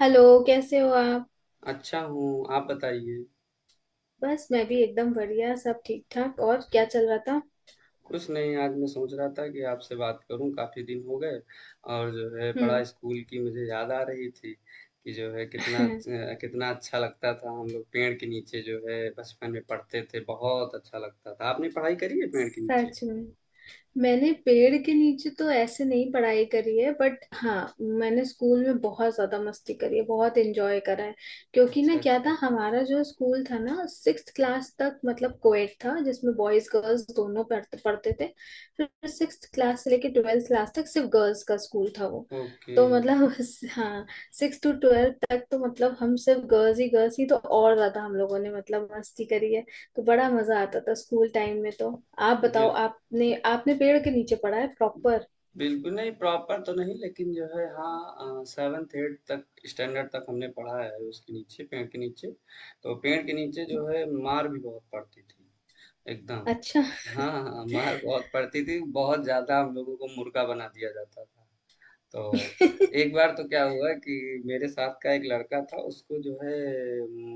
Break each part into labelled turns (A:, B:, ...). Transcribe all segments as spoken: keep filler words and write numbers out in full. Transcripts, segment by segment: A: Hello. कैसे हो आप?
B: अच्छा हूँ, आप बताइए?
A: बस मैं भी एकदम बढ़िया, सब ठीक ठाक। और क्या चल रहा था?
B: कुछ नहीं, आज मैं सोच रहा था कि आपसे बात करूँ, काफ़ी दिन हो गए और जो है बड़ा
A: हम्म।
B: स्कूल की मुझे याद आ रही थी कि जो है कितना अच कितना अच्छा लगता था हम लोग पेड़ के नीचे जो है बचपन में पढ़ते थे, बहुत अच्छा लगता था। आपने पढ़ाई करी है पेड़ के नीचे?
A: सच में? मैंने पेड़ के नीचे तो ऐसे नहीं पढ़ाई करी है, बट हाँ, मैंने स्कूल में बहुत ज्यादा मस्ती करी है, बहुत एंजॉय करा है। क्योंकि ना
B: अच्छा,
A: क्या
B: अच्छा।
A: था, हमारा जो स्कूल था ना, सिक्स क्लास तक मतलब कोएड था, जिसमें बॉयज गर्ल्स दोनों पढ़ते पढ़ते थे। फिर सिक्स क्लास से लेके ट्वेल्थ क्लास तक सिर्फ गर्ल्स का स्कूल था वो।
B: ओके।
A: तो मतलब हाँ, सिक्स टू ट्वेल्थ तक तो मतलब हम सिर्फ गर्ल्स ही गर्ल्स ही, तो और ज्यादा हम लोगों ने मतलब मस्ती करी है। तो बड़ा मजा आता था स्कूल टाइम में तो। आप बताओ,
B: बिल
A: आपने आपने पेड़ के नीचे पढ़ा है प्रॉपर?
B: बिल्कुल नहीं प्रॉपर तो नहीं, लेकिन जो है हाँ सेवेंथ एट तक स्टैंडर्ड तक हमने पढ़ा है उसके नीचे, पेड़ के नीचे। तो पेड़ के नीचे जो है मार भी बहुत पड़ती थी। एकदम।
A: अच्छा।
B: हाँ हाँ, मार बहुत पड़ती थी, बहुत ज्यादा हम लोगों को मुर्गा बना दिया जाता था। तो एक बार तो क्या हुआ कि मेरे साथ का एक लड़का था, उसको जो है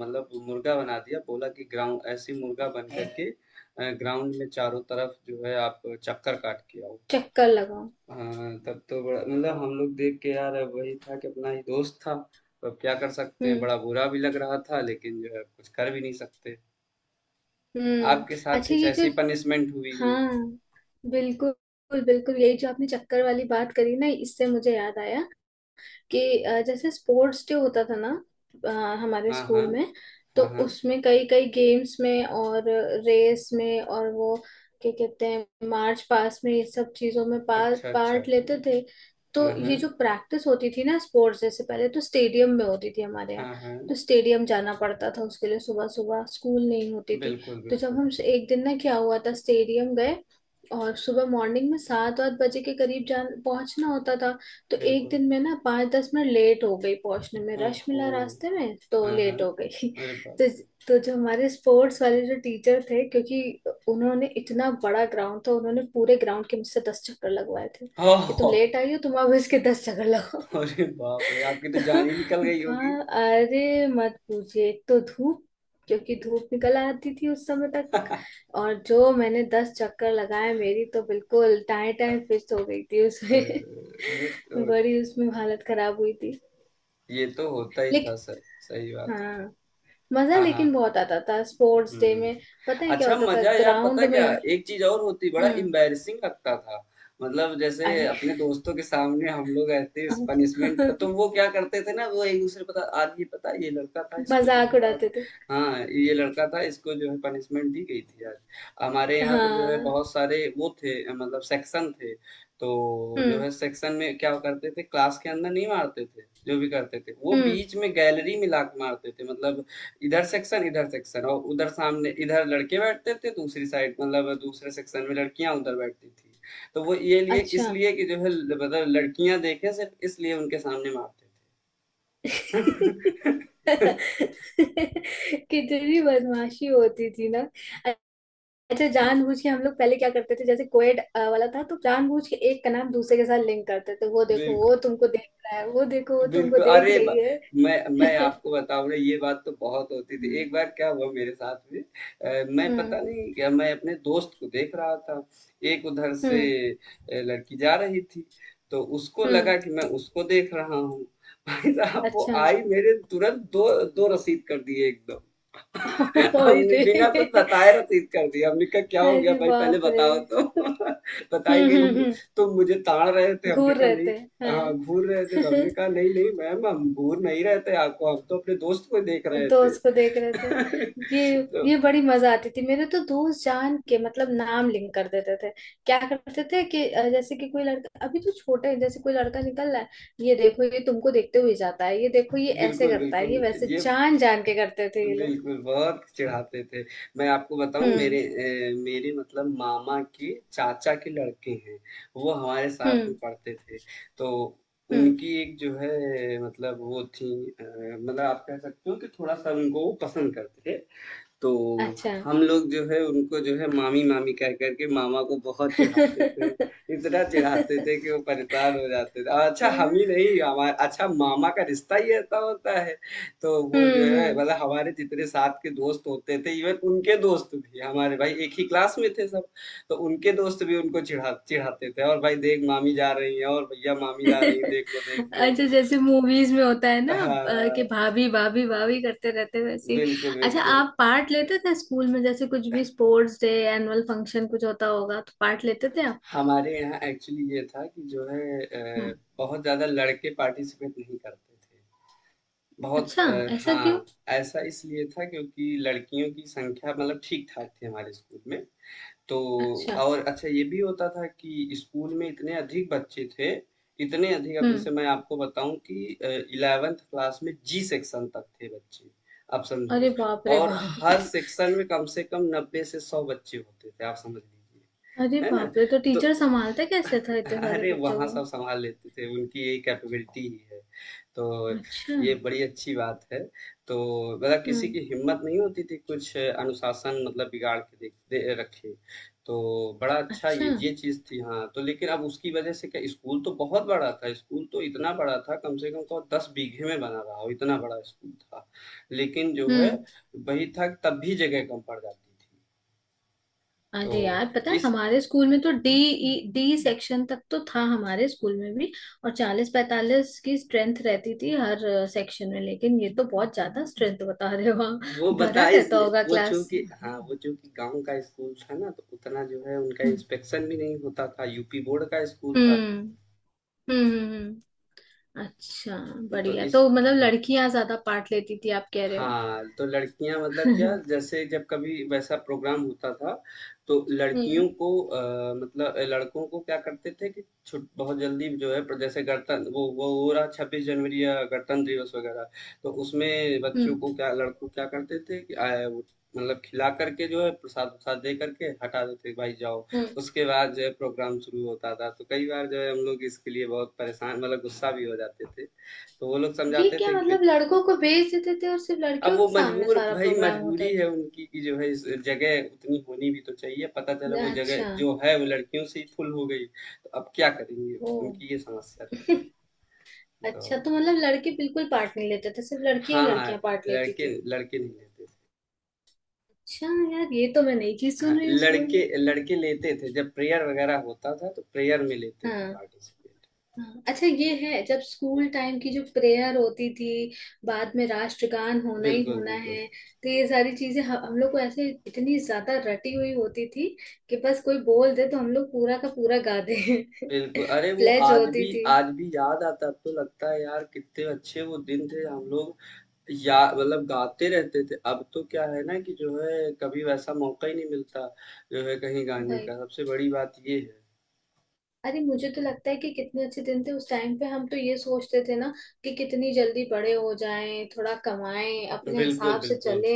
B: मतलब मुर्गा बना दिया, बोला कि ग्राउंड ऐसी मुर्गा बन करके ग्राउंड में चारों तरफ जो है आप चक्कर काट के आओ।
A: चक्कर लगाओ।
B: हाँ, तब तो बड़ा मतलब हम लोग देख के यार, अब वही था कि अपना ही दोस्त था, तो अब क्या कर सकते हैं,
A: हम्म।
B: बड़ा बुरा भी लग रहा था लेकिन जो है कुछ कर भी नहीं सकते।
A: हम्म।
B: आपके साथ
A: अच्छा
B: कुछ
A: ये जो,
B: ऐसी पनिशमेंट हुई हो?
A: हाँ, बिल्कुल बिल्कुल, यही जो आपने चक्कर वाली बात करी ना, इससे मुझे याद आया कि अ, जैसे स्पोर्ट्स डे होता था ना, अ, हमारे
B: हाँ हाँ।
A: स्कूल में। तो
B: हाँ हाँ।
A: उसमें कई कई गेम्स में और रेस में और वो क्या कहते हैं मार्च पास्ट में, ये सब चीजों में पा,
B: अच्छा, अच्छा।
A: पार्ट लेते थे।
B: हाँ
A: तो
B: हाँ।
A: ये जो प्रैक्टिस होती थी ना स्पोर्ट्स, जैसे पहले तो स्टेडियम में होती थी हमारे
B: हाँ
A: यहाँ।
B: हाँ।
A: तो स्टेडियम जाना पड़ता था उसके लिए। सुबह सुबह स्कूल नहीं होती थी।
B: बिल्कुल,
A: तो जब
B: बिल्कुल,
A: हम एक दिन ना, क्या हुआ था, स्टेडियम गए और सुबह मॉर्निंग में सात आठ बजे के करीब जान पहुंचना होता था। तो एक
B: बिल्कुल।
A: दिन मैं ना पाँच दस मिनट लेट हो गई पहुंचने में, रश
B: ओहो।
A: मिला रास्ते में, तो
B: हाँ हाँ।
A: लेट हो गई।
B: अरे बाप
A: तो तो जो हमारे स्पोर्ट्स वाले जो टीचर थे, क्योंकि उन्होंने इतना बड़ा ग्राउंड था, उन्होंने पूरे ग्राउंड के मुझसे दस चक्कर लगवाए थे
B: रे। ओह।
A: कि तुम लेट आई हो, तुम अब इसके दस चक्कर लगाओ।
B: अरे बाप रे, आपकी तो
A: तो
B: जान ही निकल गई होगी।
A: वहाँ, अरे मत पूछिए, एक तो धूप, क्योंकि धूप निकल आती थी उस समय तक।
B: अ,
A: और जो मैंने दस चक्कर लगाए, मेरी तो बिल्कुल टाए टाए फिस्ट हो गई थी उसमें।
B: ये तो
A: बड़ी उसमें हालत खराब हुई थी
B: ये तो होता ही था सर, सही
A: लेकिन।
B: बात है।
A: हाँ, मजा
B: हाँ
A: लेकिन
B: हाँ।
A: बहुत आता था स्पोर्ट्स डे
B: हुँ।
A: में। पता है क्या
B: अच्छा
A: होता था
B: मज़ा यार, पता
A: ग्राउंड
B: है
A: में?
B: क्या? एक चीज़ और होती, बड़ा
A: हम्म।
B: एम्बैरेसिंग लगता था। मतलब जैसे
A: अरे।
B: अपने दोस्तों के सामने हम लोग ऐसे पनिशमेंट, तो वो क्या करते थे ना, वो एक-दूसरे पता आज ये पता है ये लड़का था इसको जो
A: मजाक
B: है आज।
A: उड़ाते थे।
B: हाँ, ये लड़का था इसको जो है पनिशमेंट दी गई थी आज। हमारे यहाँ तो जो है
A: हाँ।
B: बहुत सारे वो थे अ, मतलब सेक्शन थे। तो जो
A: हम्म।
B: है सेक्शन में क्या करते थे, क्लास के अंदर नहीं मारते थे, जो भी करते थे। वो
A: हम्म।
B: बीच में गैलरी में लात मारते थे, मतलब इधर सेक्शन इधर सेक्शन और उधर सामने, इधर लड़के बैठते थे दूसरी साइड, मतलब दूसरे सेक्शन में लड़कियां उधर बैठती थी। तो वो ये लिए
A: अच्छा।
B: इसलिए कि जो है ल- मतलब लड़कियां देखें, सिर्फ इसलिए उनके सामने मारते थे।
A: कितनी भी बदमाशी होती थी ना। अच्छा जानबूझ के हम लोग पहले क्या करते थे, जैसे कोएड अ, वाला था, तो जानबूझ के एक का नाम दूसरे के साथ लिंक करते थे। वो देखो
B: बिल्कुल,
A: वो तुमको देख रहा है, वो देखो वो तुमको
B: बिल्कुल,
A: देख
B: अरे ब
A: रही है।
B: मैं मैं
A: हम्म।
B: आपको बताऊँ ना, ये बात तो बहुत होती थी। एक बार क्या हुआ मेरे साथ में, अ, मैं पता
A: हम्म।
B: नहीं क्या, मैं अपने दोस्त को देख रहा था। एक उधर से
A: हम्म।
B: अ, लड़की जा रही थी, तो उसको
A: हम्म,
B: लगा कि मैं उसको देख रहा हूँ। भाई साहब वो
A: अच्छा।
B: आई मेरे तुरंत दो दो रसीद कर दिए एकदम।
A: ओए
B: हमने बिना कुछ
A: रे।
B: बताए रसीद कर दिया, हमने कहा क्या हो गया
A: अरे
B: भाई, पहले
A: बाप रे।
B: बताओ तो। बताई
A: हम्म।
B: गई
A: हम्म।
B: तुम
A: हम्म
B: तुम मुझे ताड़ रहे थे। हमने
A: घूर
B: कहा
A: रहे
B: नहीं।
A: थे।
B: हाँ
A: हाँ।
B: घूर रहे थे, तो हमने कहा नहीं नहीं मैम, हम घूर नहीं रहे थे आपको, हम तो अपने दोस्त को देख रहे थे।
A: दोस्त को देख रहे थे। ये
B: तो
A: ये बड़ी मजा आती थी मेरे तो दोस्त जान के मतलब नाम लिंक कर देते थे। क्या करते थे कि अ, जैसे कि कोई लड़का, अभी तो छोटे हैं, जैसे कोई लड़का निकल रहा है, ये देखो ये तुमको देखते हुए जाता है, ये देखो ये ऐसे
B: बिल्कुल
A: करता है ये
B: बिल्कुल
A: वैसे,
B: ये
A: जान जान के करते थे ये लोग।
B: बिल्कुल, बहुत चिढ़ाते थे। मैं आपको बताऊँ, मेरे
A: हम्म।
B: अ, मेरे मतलब मामा के चाचा के लड़के हैं, वो हमारे साथ में
A: हम्म।
B: पढ़ते थे। तो
A: हम्म।
B: उनकी एक जो है मतलब वो थी, अ, मतलब आप कह सकते हो कि थोड़ा-सा उनको वो पसंद करते थे। तो
A: अच्छा।
B: हम लोग जो है उनको जो है मामी मामी कह करके मामा को बहुत चिढ़ाते थे। इतना चिढ़ाते थे कि वो परेशान हो जाते थे। और अच्छा हम
A: हम्म।
B: ही नहीं, हमारा अच्छा मामा का रिश्ता ही ऐसा होता है। तो वो जो है
A: हम्म।
B: मतलब हमारे जितने साथ के दोस्त होते थे, इवन उनके दोस्त भी, हमारे भाई एक ही क्लास में थे सब। तो उनके दोस्त भी उनको चिढ़ा चिढ़ाते थे और भाई देख मामी जा रही है, और भैया मामी जा रही है देख लो देख लो।
A: अच्छा जैसे मूवीज में होता है ना, अ, कि
B: हाँ,
A: भाभी भाभी भाभी करते रहते हैं, वैसे ही।
B: बिल्कुल,
A: अच्छा,
B: बिल्कुल।
A: आप पार्ट लेते थे स्कूल में? जैसे कुछ भी स्पोर्ट्स डे, एनुअल फंक्शन कुछ होता होगा, तो पार्ट लेते थे आप?
B: हमारे यहाँ एक्चुअली ये था कि जो है अ,
A: हम्म।
B: बहुत ज़्यादा लड़के पार्टिसिपेट नहीं करते थे। बहुत
A: अच्छा,
B: अ,
A: ऐसा क्यों?
B: हाँ ऐसा इसलिए था क्योंकि लड़कियों की संख्या मतलब ठीक ठाक थी हमारे स्कूल में। तो
A: अच्छा।
B: और अच्छा ये भी होता था कि स्कूल में इतने अधिक बच्चे थे, इतने अधिक, अब जैसे
A: हम्म।
B: मैं आपको बताऊं कि इलेवेंथ क्लास में जी सेक्शन तक थे बच्चे, आप
A: अरे
B: समझो।
A: बाप रे
B: और हर
A: बाप।
B: सेक्शन में कम से कम नब्बे से सौ बच्चे होते थे, आप समझ
A: अरे
B: लीजिए, है ना?
A: बाप रे, तो
B: तो
A: टीचर संभालते कैसे था इतने सारे
B: अरे
A: बच्चों
B: वहां
A: को?
B: सब संभाल लेते थे, उनकी ये कैपेबिलिटी ही है। तो
A: अच्छा।
B: ये बड़ी अच्छी बात है। तो मतलब किसी की
A: हम्म।
B: हिम्मत नहीं होती थी कुछ अनुशासन मतलब बिगाड़ के देख दे, रखे। तो बड़ा अच्छा
A: अच्छा।
B: ये ये चीज़ थी हाँ, तो लेकिन अब उसकी वजह से क्या, स्कूल तो बहुत बड़ा था, स्कूल तो इतना बड़ा था, कम से कम कहो दस बीघे में बना रहा हो, इतना बड़ा स्कूल था। लेकिन जो है
A: हम्म।
B: वही था, तब भी जगह कम पड़ जाती थी। तो
A: अरे यार, पता है
B: इस
A: हमारे स्कूल में तो डी डी सेक्शन तक तो था हमारे स्कूल में भी। और चालीस पैंतालीस की स्ट्रेंथ रहती थी हर सेक्शन में। लेकिन ये तो बहुत ज्यादा स्ट्रेंथ बता रहे हो आप।
B: वो
A: भरा
B: बता
A: रहता
B: इसलिए
A: होगा
B: वो
A: क्लास।
B: चूंकि हाँ वो चूंकि गांव का स्कूल था ना, तो उतना जो है उनका
A: हम्म।
B: इंस्पेक्शन भी नहीं होता था, यूपी बोर्ड का स्कूल था तो।
A: हम्म। हम्म। हम्म। अच्छा,
B: तो
A: बढ़िया।
B: इस
A: तो मतलब
B: हाँ।
A: लड़कियां ज्यादा पार्ट लेती थी आप कह रहे हो?
B: हाँ, तो लड़कियाँ मतलब क्या,
A: हम्म।
B: जैसे जब कभी वैसा प्रोग्राम होता था, तो लड़कियों को अ, मतलब अ, लड़कों को क्या करते थे कि छुट बहुत जल्दी जो है, पर जैसे गणतंत्र वो वो हो रहा छब्बीस जनवरी या गणतंत्र दिवस वगैरह, तो उसमें बच्चों
A: हम्म।
B: को क्या लड़कों को क्या करते थे कि अ, वो मतलब खिला करके जो है प्रसाद-वसाद दे करके हटा देते थे, भाई जाओ।
A: हम्म।
B: उसके बाद जो है प्रोग्राम शुरू होता था, तो कई बार जो है हम लोग इसके लिए बहुत परेशान, मतलब गुस्सा भी हो जाते थे। तो वो लोग
A: ये
B: समझाते
A: क्या
B: थे कि
A: मतलब, लड़कों को भेज देते थे और सिर्फ
B: अब
A: लड़कियों
B: वो
A: के सामने
B: मजबूर,
A: सारा
B: भाई
A: प्रोग्राम
B: मजबूरी
A: होता
B: है
A: था?
B: उनकी कि जो है इस जगह उतनी होनी भी तो चाहिए, पता चला वो जगह
A: अच्छा।
B: जो है वो लड़कियों से ही फुल हो गई, तो अब क्या करेंगे।
A: ओ।
B: उनकी ये समस्या थी।
A: अच्छा
B: तो
A: तो मतलब लड़के बिल्कुल पार्ट नहीं लेते थे, सिर्फ लड़कियां ही
B: हाँ
A: लड़कियां पार्ट लेती
B: लड़के
A: थी?
B: लड़के नहीं लेते
A: अच्छा यार, ये तो मैं नई चीज
B: थे, हाँ
A: सुन रही हूँ स्कूल
B: लड़के
A: में।
B: लड़के लेते थे जब प्रेयर वगैरह होता था, तो प्रेयर में लेते थे
A: हाँ।
B: पार्टिसिपेट।
A: हाँ, अच्छा ये है। जब स्कूल टाइम की जो प्रेयर होती थी, बाद में राष्ट्रगान होना ही
B: बिल्कुल,
A: होना
B: बिल्कुल,
A: है, तो ये सारी चीजें ह- हम लोग को ऐसे इतनी ज्यादा रटी हुई होती थी कि बस कोई बोल दे तो हम लोग पूरा का पूरा गा दे।
B: बिल्कुल, अरे वो
A: प्लेज
B: आज भी
A: होती थी।
B: आज भी याद आता है, अब तो लगता है यार कितने अच्छे वो दिन थे हम लोग या मतलब गाते रहते थे। अब तो क्या है ना, कि जो है कभी वैसा मौका ही नहीं मिलता जो है कहीं गाने का। सबसे बड़ी बात ये
A: अरे मुझे तो लगता है कि कितने अच्छे दिन थे उस टाइम पे। हम तो ये सोचते थे ना कि कितनी जल्दी बड़े हो जाएं, थोड़ा कमाएं
B: है
A: अपने
B: बिल्कुल
A: हिसाब से
B: बिल्कुल,
A: चले।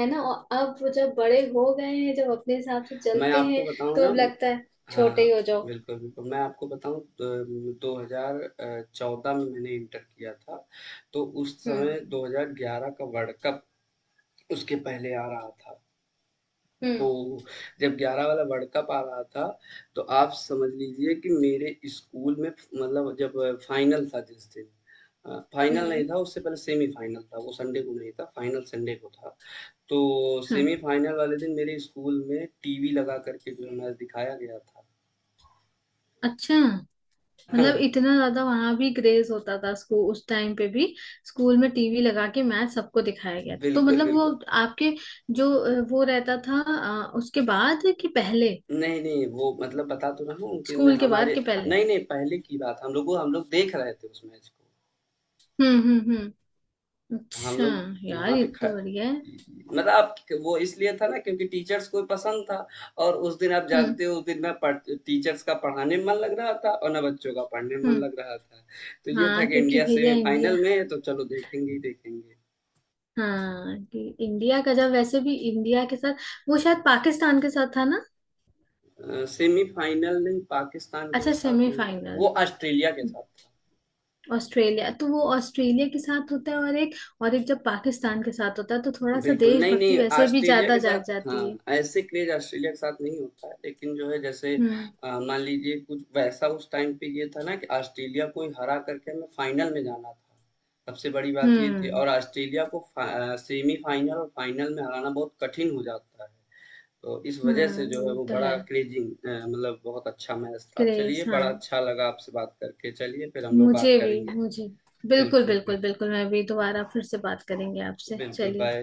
A: है ना? और अब वो जब बड़े हो गए हैं, जब अपने हिसाब से
B: मैं
A: चलते
B: आपको
A: हैं,
B: बताऊं
A: तो
B: ना,
A: अब लगता है छोटे
B: हाँ
A: ही हो जाओ।
B: बिल्कुल बिल्कुल मैं आपको बताऊं दो हजार चौदह में मैंने इंटर किया था। तो उस
A: हम्म।
B: समय दो हज़ार ग्यारह का वर्ल्ड कप उसके पहले आ रहा था। तो
A: हम्म।
B: जब ग्यारह वाला वर्ल्ड कप आ रहा था, तो आप समझ लीजिए कि मेरे स्कूल में मतलब जब फाइनल था जिस दिन, अ, फाइनल
A: हम्म।
B: नहीं था, उससे पहले सेमीफाइनल था, वो संडे को नहीं था, फाइनल संडे को था। तो
A: हाँ।
B: सेमीफाइनल वाले दिन मेरे स्कूल में टीवी लगा करके जो है मैच दिखाया गया था।
A: अच्छा, मतलब
B: हाँ,
A: इतना ज्यादा वहां भी क्रेज होता था स्कूल, उस टाइम पे भी स्कूल में टीवी लगा के मैच सबको दिखाया गया था। तो
B: बिल्कुल,
A: मतलब वो
B: बिल्कुल।
A: आपके जो अ, वो रहता था अ, उसके बाद कि पहले,
B: नहीं, नहीं, वो मतलब बता तो रहा हूँ कि न
A: स्कूल के बाद
B: हमारे
A: के
B: ह
A: पहले?
B: नहीं, नहीं, पहले की बात, हम लोग को हम लोग देख रहे थे उस मैच को।
A: हम्म। हम्म। हम्म।
B: हम
A: अच्छा
B: लोग
A: यार,
B: वहाँ
A: ये
B: पे ख
A: तो बढ़िया है।
B: मतलब आप वो इसलिए था ना क्योंकि टीचर्स को पसंद था, और उस दिन आप
A: हम्म।
B: जानते हो उस दिन मैं पढ़ टीचर्स का पढ़ाने में मन लग रहा था और ना बच्चों का पढ़ने में मन
A: हम्म।
B: लग रहा था। तो ये था
A: हाँ
B: कि
A: क्योंकि
B: इंडिया
A: भैया इंडिया,
B: सेमीफाइनल में है तो चलो देखेंगे ही देखेंगे।
A: हाँ कि इंडिया का, जब वैसे भी इंडिया के साथ वो शायद पाकिस्तान के साथ था ना?
B: सेमीफाइनल नहीं, पाकिस्तान के
A: अच्छा
B: साथ नहीं था,
A: सेमीफाइनल।
B: वो ऑस्ट्रेलिया के साथ था।
A: ऑस्ट्रेलिया, तो वो ऑस्ट्रेलिया के साथ होता है। और एक और एक जब पाकिस्तान के साथ होता है तो थोड़ा सा
B: बिल्कुल,
A: देशभक्ति
B: नहीं-नहीं
A: वैसे भी
B: ऑस्ट्रेलिया
A: ज्यादा
B: के
A: जाग
B: साथ
A: जाती
B: हाँ,
A: है।
B: ऐसे क्रेज़ ऑस्ट्रेलिया के साथ नहीं होता है, लेकिन जो है जैसे
A: हम्म।
B: अ, मान लीजिए, कुछ वैसा उस टाइम पे ये था ना कि ऑस्ट्रेलिया को ही हरा करके हमें फाइनल में जाना था। सबसे बड़ी बात ये थी,
A: हम्म।
B: और ऑस्ट्रेलिया को फ़ा अ, सेमीफाइनल और फाइनल में हराना बहुत कठिन हो जाता है। तो इस वजह से
A: हम्म।
B: जो है
A: ये
B: वो
A: तो है।
B: बड़ा क्रेज़िंग अ, मतलब बहुत अच्छा मैच था।
A: क्रेज
B: चलिए, बड़ा
A: हाँ।
B: अच्छा लगा आपसे बात करके, चलिए फिर हम लोग
A: मुझे
B: बात
A: भी,
B: करेंगे।
A: मुझे बिल्कुल
B: बिल्कुल,
A: बिल्कुल
B: बिल्कुल।
A: बिल्कुल, मैं भी दोबारा फिर से बात करेंगे आपसे,
B: बिल्कुल,
A: चलिए।
B: बाय।